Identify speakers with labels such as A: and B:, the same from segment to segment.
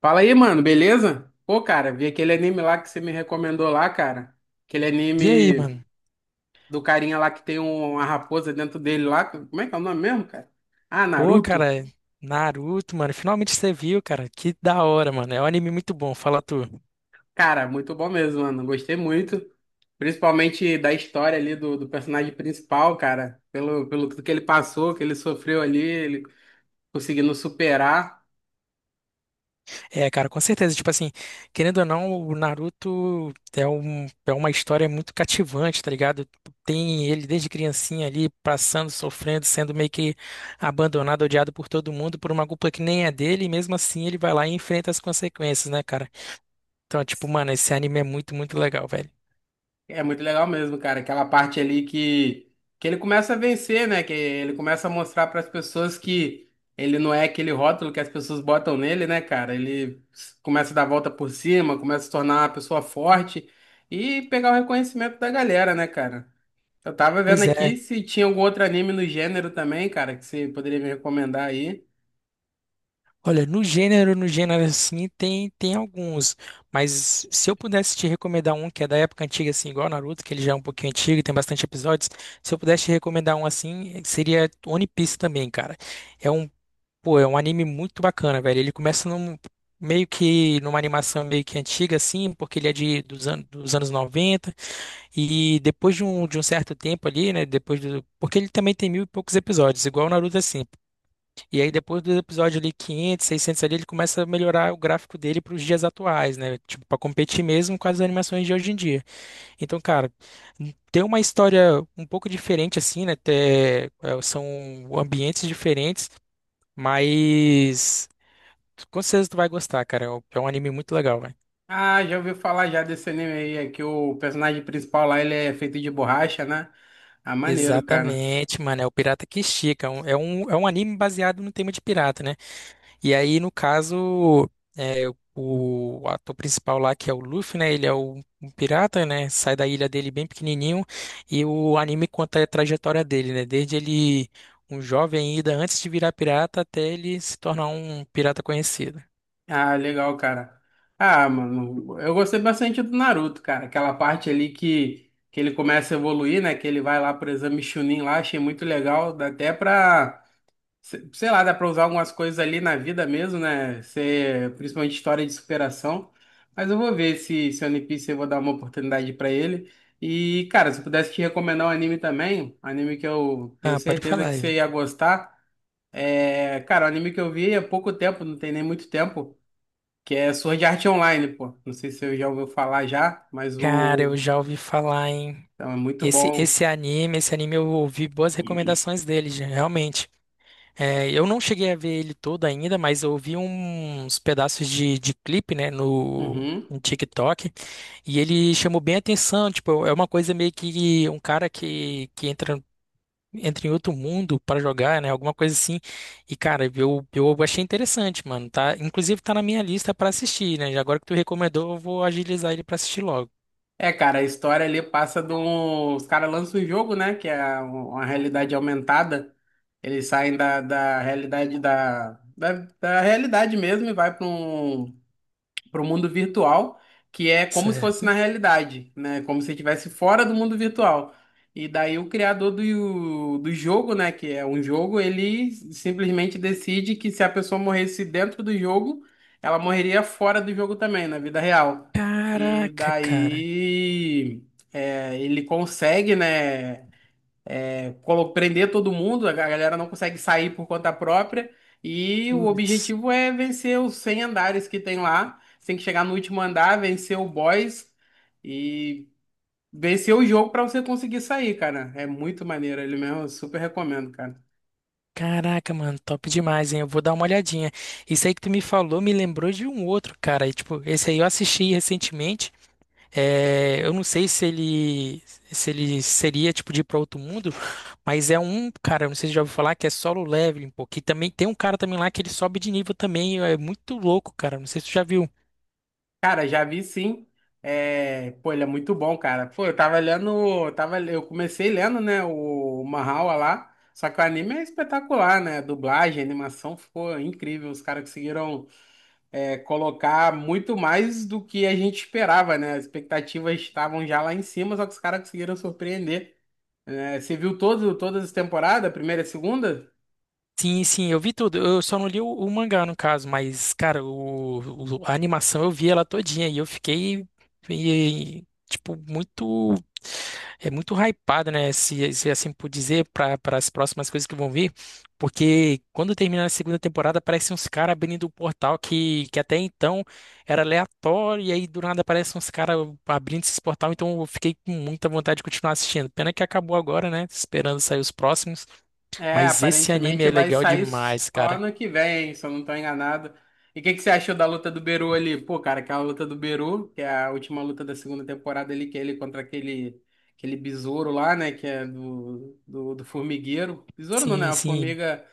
A: Fala aí, mano, beleza? Pô, cara, vi aquele anime lá que você me recomendou lá, cara. Aquele
B: E aí,
A: anime
B: mano?
A: do carinha lá que tem uma raposa dentro dele lá. Como é que é o nome mesmo, cara? Ah,
B: Pô,
A: Naruto.
B: cara, Naruto, mano, finalmente você viu, cara. Que da hora, mano. É um anime muito bom, fala tu.
A: Cara, muito bom mesmo, mano. Gostei muito. Principalmente da história ali do personagem principal, cara. Pelo que ele passou, que ele sofreu ali, ele conseguindo superar.
B: É, cara, com certeza. Tipo assim, querendo ou não, o Naruto é, é uma história muito cativante, tá ligado? Tem ele desde criancinha ali, passando, sofrendo, sendo meio que abandonado, odiado por todo mundo, por uma culpa que nem é dele, e mesmo assim ele vai lá e enfrenta as consequências, né, cara? Então, tipo, mano, esse anime é muito, muito legal, velho.
A: É muito legal mesmo, cara. Aquela parte ali que ele começa a vencer, né? Que ele começa a mostrar para as pessoas que ele não é aquele rótulo que as pessoas botam nele, né, cara? Começa a dar a volta por cima, começa a se tornar uma pessoa forte e pegar o reconhecimento da galera, né, cara? Eu tava vendo
B: Pois
A: aqui
B: é.
A: se tinha algum outro anime no gênero também, cara, que você poderia me recomendar aí.
B: Olha, no gênero, no gênero assim, tem alguns, mas se eu pudesse te recomendar um que é da época antiga, assim, igual Naruto, que ele já é um pouquinho antigo e tem bastante episódios, se eu pudesse te recomendar um assim, seria One Piece também, cara. É um, pô, é um anime muito bacana, velho. Ele começa num, meio que numa animação meio que antiga, assim, porque ele é de, dos, an dos anos 90 e depois de um certo tempo ali, né, depois do, porque ele também tem mil e poucos episódios, igual o Naruto, assim. E aí depois do episódio ali 500, 600 ali, ele começa a melhorar o gráfico dele para os dias atuais, né? Tipo, para competir mesmo com as animações de hoje em dia. Então, cara, tem uma história um pouco diferente assim, né? Até, é, são ambientes diferentes, mas com certeza tu vai gostar, cara. É um anime muito legal, velho.
A: Ah, já ouvi falar já desse anime aí, é que o personagem principal lá ele é feito de borracha, né? Ah, maneiro, cara.
B: Exatamente, mano. É o Pirata que Estica. É um anime baseado no tema de pirata, né? E aí, no caso, é, o ator principal lá, que é o Luffy, né? Ele é o, um pirata, né? Sai da ilha dele bem pequenininho. E o anime conta a trajetória dele, né? Desde ele, um jovem ainda, antes de virar pirata, até ele se tornar um pirata conhecido.
A: Ah, legal, cara. Ah, mano, eu gostei bastante do Naruto, cara. Aquela parte ali que ele começa a evoluir, né? Que ele vai lá pro exame Chunin lá, achei muito legal. Dá até pra, se- Sei lá, dá pra usar algumas coisas ali na vida mesmo, né? Ser, principalmente história de superação. Mas eu vou ver se One Piece eu vou dar uma oportunidade pra ele. E, cara, se eu pudesse te recomendar um anime também, um anime que eu tenho
B: Ah, pode
A: certeza
B: falar
A: que
B: aí.
A: você ia gostar. É, cara, o anime que eu vi há pouco tempo, não tem nem muito tempo, que é Sword Art Online, pô. Não sei se você já ouviu falar já, mas
B: Cara,
A: o.
B: eu já ouvi falar em
A: Então, é muito
B: esse
A: bom.
B: esse anime, esse anime eu ouvi boas recomendações dele, já, realmente. É, eu não cheguei a ver ele todo ainda, mas eu vi uns pedaços de clipe, né, no,
A: Uhum.
B: no TikTok, e ele chamou bem a atenção, tipo, é uma coisa meio que um cara que entra, entra em outro mundo para jogar, né, alguma coisa assim, e cara, eu achei interessante, mano, tá, inclusive tá na minha lista para assistir, né, e agora que tu recomendou, eu vou agilizar ele para assistir logo,
A: É, cara, a história ali passa de um. Os caras lançam o jogo, né? Que é um, uma realidade aumentada. Eles saem da realidade da realidade mesmo e vai para o mundo virtual, que é como se fosse
B: certo?
A: na realidade, né? Como se estivesse fora do mundo virtual. E daí o criador do jogo, né, que é um jogo, ele simplesmente decide que se a pessoa morresse dentro do jogo, ela morreria fora do jogo também, na vida real. E
B: Caraca, cara,
A: daí ele consegue, né? Prender todo mundo, a galera não consegue sair por conta própria, e o
B: putz.
A: objetivo é vencer os 100 andares que tem lá. Você tem que chegar no último andar, vencer o boss e vencer o jogo para você conseguir sair, cara. É muito maneiro, ele mesmo, eu super recomendo, cara.
B: Caraca, mano, top demais, hein? Eu vou dar uma olhadinha. Isso aí que tu me falou me lembrou de um outro, cara. E, tipo, esse aí eu assisti recentemente. É, eu não sei se ele se ele seria tipo de ir pra outro mundo, mas é um, cara, eu não sei se já ouviu falar que é solo leveling, pô, que também tem um cara também lá que ele sobe de nível também, é muito louco, cara. Não sei se tu já viu.
A: Cara, já vi sim. É, pô, ele é muito bom, cara. Pô, eu tava lendo, eu comecei lendo, né, o Mahoua lá. Só que o anime é espetacular, né? Dublagem, animação ficou incrível. Os caras conseguiram colocar muito mais do que a gente esperava, né? As expectativas estavam já lá em cima, só que os caras conseguiram surpreender. Né? Você viu todo, todas as temporadas, a primeira e a segunda?
B: Sim, sim, eu vi tudo. Eu só não li o mangá, no caso, mas, cara, o, a animação eu vi ela todinha e eu fiquei, e- tipo, muito. É muito hypado, né? Se assim por dizer, para as próximas coisas que vão vir. Porque quando terminar a segunda temporada, aparecem uns caras abrindo o portal que até então era aleatório, e aí do nada aparecem uns caras abrindo esse portal. Então eu fiquei com muita vontade de continuar assistindo. Pena que acabou agora, né? Esperando sair os próximos.
A: É,
B: Mas esse anime
A: aparentemente
B: é
A: vai
B: legal
A: sair
B: demais,
A: só
B: cara.
A: ano que vem, se eu não tô enganado. E o que que você achou da luta do Beru ali? Pô, cara, aquela luta do Beru, que é a última luta da segunda temporada ali, que é ele contra aquele besouro lá, né? Que é do formigueiro. Besouro não, né?
B: Sim,
A: A
B: sim.
A: formiga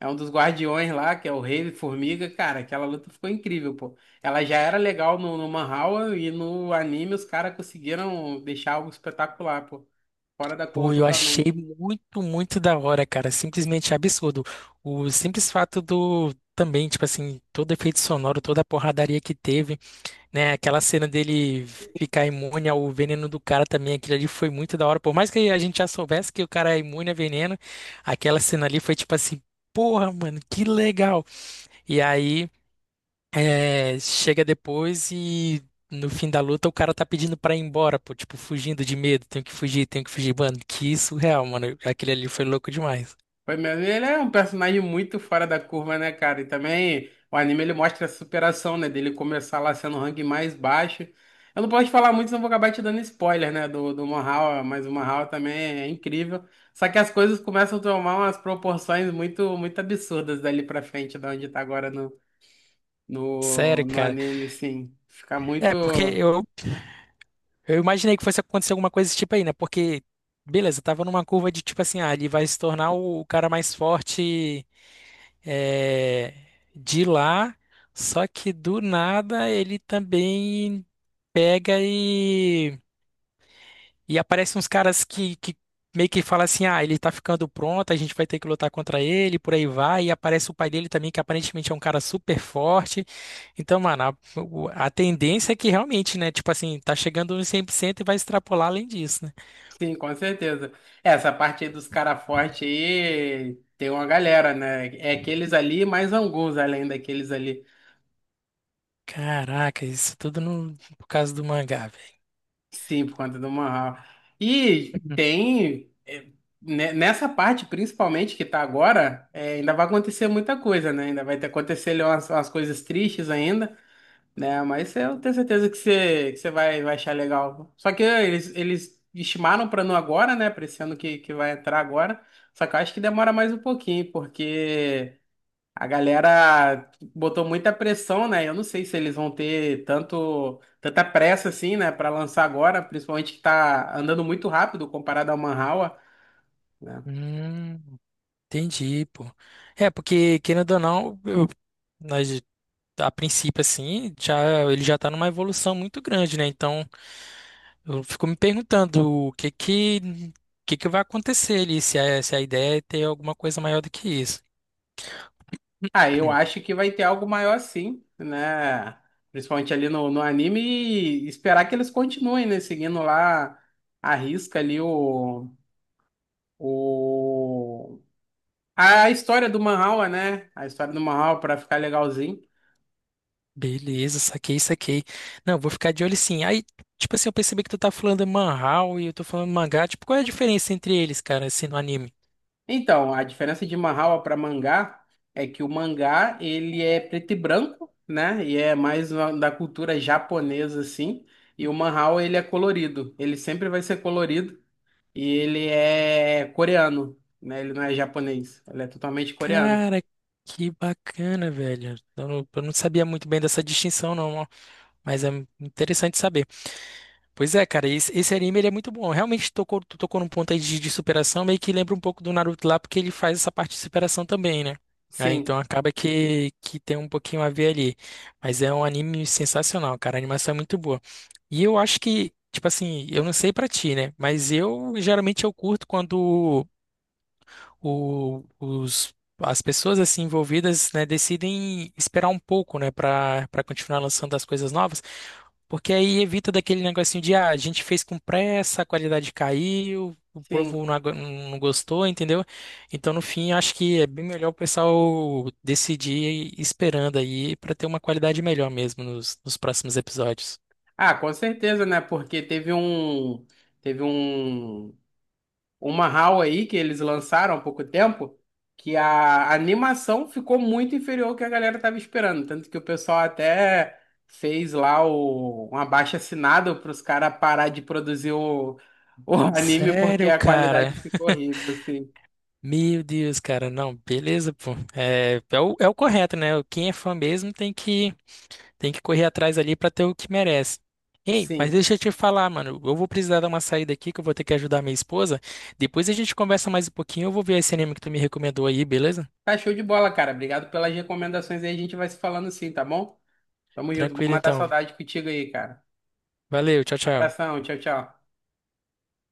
A: é um dos guardiões lá, que é o rei formiga. Cara, aquela luta ficou incrível, pô. Ela já era legal no Manhwa e no anime os caras conseguiram deixar algo espetacular, pô. Fora da curva
B: Pô, eu achei
A: totalmente.
B: muito, muito da hora, cara. Simplesmente absurdo. O simples fato do. Também, tipo assim, todo efeito sonoro, toda a porradaria que teve, né? Aquela cena dele ficar imune ao veneno do cara também, aquilo ali foi muito da hora. Por mais que a gente já soubesse que o cara é imune a veneno, aquela cena ali foi tipo assim, porra, mano, que legal. E aí. É, chega depois e no fim da luta o cara tá pedindo pra ir embora, pô, tipo, fugindo de medo, tenho que fugir, mano, que surreal, mano, aquele ali foi louco demais.
A: Foi mesmo. Ele é um personagem muito fora da curva, né, cara? E também o anime ele mostra a superação, né? Dele começar lá sendo o ranking mais baixo. Eu não posso falar muito, senão vou acabar te dando spoiler, né? Do Mahou, mas o Mahou também é incrível. Só que as coisas começam a tomar umas proporções muito absurdas dali pra frente, da onde tá agora
B: Sério,
A: no
B: cara.
A: anime, sim. Fica muito.
B: É, porque eu imaginei que fosse acontecer alguma coisa desse tipo aí, né? Porque, beleza, eu tava numa curva de tipo assim, ah, ele vai se tornar o cara mais forte é, de lá, só que do nada ele também pega e aparecem uns caras que meio que falam assim: ah, ele tá ficando pronto, a gente vai ter que lutar contra ele, por aí vai. E aparece o pai dele também, que aparentemente é um cara super forte. Então, mano, a, a tendência é que realmente, né? Tipo assim, tá chegando nos 100% e vai extrapolar além disso, né?
A: Sim, com certeza. Essa parte aí dos cara forte aí tem uma galera, né? É aqueles ali e mais alguns além daqueles ali.
B: Caraca, isso tudo no, por causa do mangá, velho.
A: Sim, por conta do Mahal. E nessa parte principalmente que tá agora, é, ainda vai acontecer muita coisa, né? Ainda vai ter acontecer ali umas coisas tristes ainda. Né? Mas eu tenho certeza que você vai achar legal. Só que eles estimaram para não agora, né? Para esse ano que vai entrar agora. Só que eu acho que demora mais um pouquinho, porque a galera botou muita pressão, né? Eu não sei se eles vão ter tanta pressa assim, né? Para lançar agora, principalmente que tá andando muito rápido comparado ao Manhwa. Né?
B: Hum, entendi, pô. É, porque, querendo ou não, nós, a princípio, assim, já, ele já tá numa evolução muito grande, né? Então. Eu fico me perguntando o que que vai acontecer ali, se a ideia é ter alguma coisa maior do que isso.
A: Ah, eu acho que vai ter algo maior sim, né? Principalmente ali no anime e esperar que eles continuem, né? Seguindo lá a risca ali o... A história do Manhwa, né? A história do Manhwa para ficar legalzinho.
B: Beleza, saquei, saquei. Não, vou ficar de olho sim. Aí, tipo assim, eu percebi que tu tá falando manhwa e eu tô falando mangá. Tipo, qual é a diferença entre eles, cara, assim, no anime?
A: Então, a diferença de Manhwa para mangá é que o mangá, ele é preto e branco, né? E é mais da cultura japonesa, assim. E o Manhwa, ele é colorido. Ele sempre vai ser colorido. E ele é coreano, né? Ele não é japonês, ele é totalmente coreano.
B: Cara, que bacana, velho. Eu não sabia muito bem dessa distinção, não, ó, mas é interessante saber. Pois é, cara, esse anime ele é muito bom. Realmente tocou, tu tocou num ponto aí de superação, meio que lembra um pouco do Naruto lá, porque ele faz essa parte de superação também, né? Aí,
A: Sim,
B: então acaba que tem um pouquinho a ver ali. Mas é um anime sensacional, cara. A animação é muito boa. E eu acho que, tipo assim, eu não sei pra ti, né? Mas eu geralmente eu curto quando os, as pessoas assim envolvidas, né, decidem esperar um pouco, né, para para continuar lançando as coisas novas, porque aí evita daquele negocinho de ah, a gente fez com pressa, a qualidade caiu, o
A: sim.
B: povo não, não gostou, entendeu? Então, no fim, acho que é bem melhor o pessoal decidir esperando aí para ter uma qualidade melhor mesmo nos próximos episódios.
A: Ah, com certeza, né? Porque teve uma HAL aí que eles lançaram há pouco tempo que a animação ficou muito inferior ao que a galera tava esperando, tanto que o pessoal até fez lá um abaixo-assinado para os caras parar de produzir o, o anime porque
B: Sério,
A: a
B: cara,
A: qualidade ficou horrível, assim.
B: Meu Deus, cara, não, beleza, pô. É, é o, é o correto, né? Quem é fã mesmo tem que correr atrás ali pra ter o que merece. Ei, mas
A: Sim.
B: deixa eu te falar, mano. Eu vou precisar dar uma saída aqui que eu vou ter que ajudar minha esposa. Depois a gente conversa mais um pouquinho. Eu vou ver esse anime que tu me recomendou aí, beleza?
A: Tá show de bola, cara. Obrigado pelas recomendações aí. A gente vai se falando sim, tá bom? Tamo junto. Vamos
B: Tranquilo,
A: matar a
B: então.
A: saudade contigo aí, cara.
B: Valeu, tchau, tchau.
A: Abração. Tchau, tchau.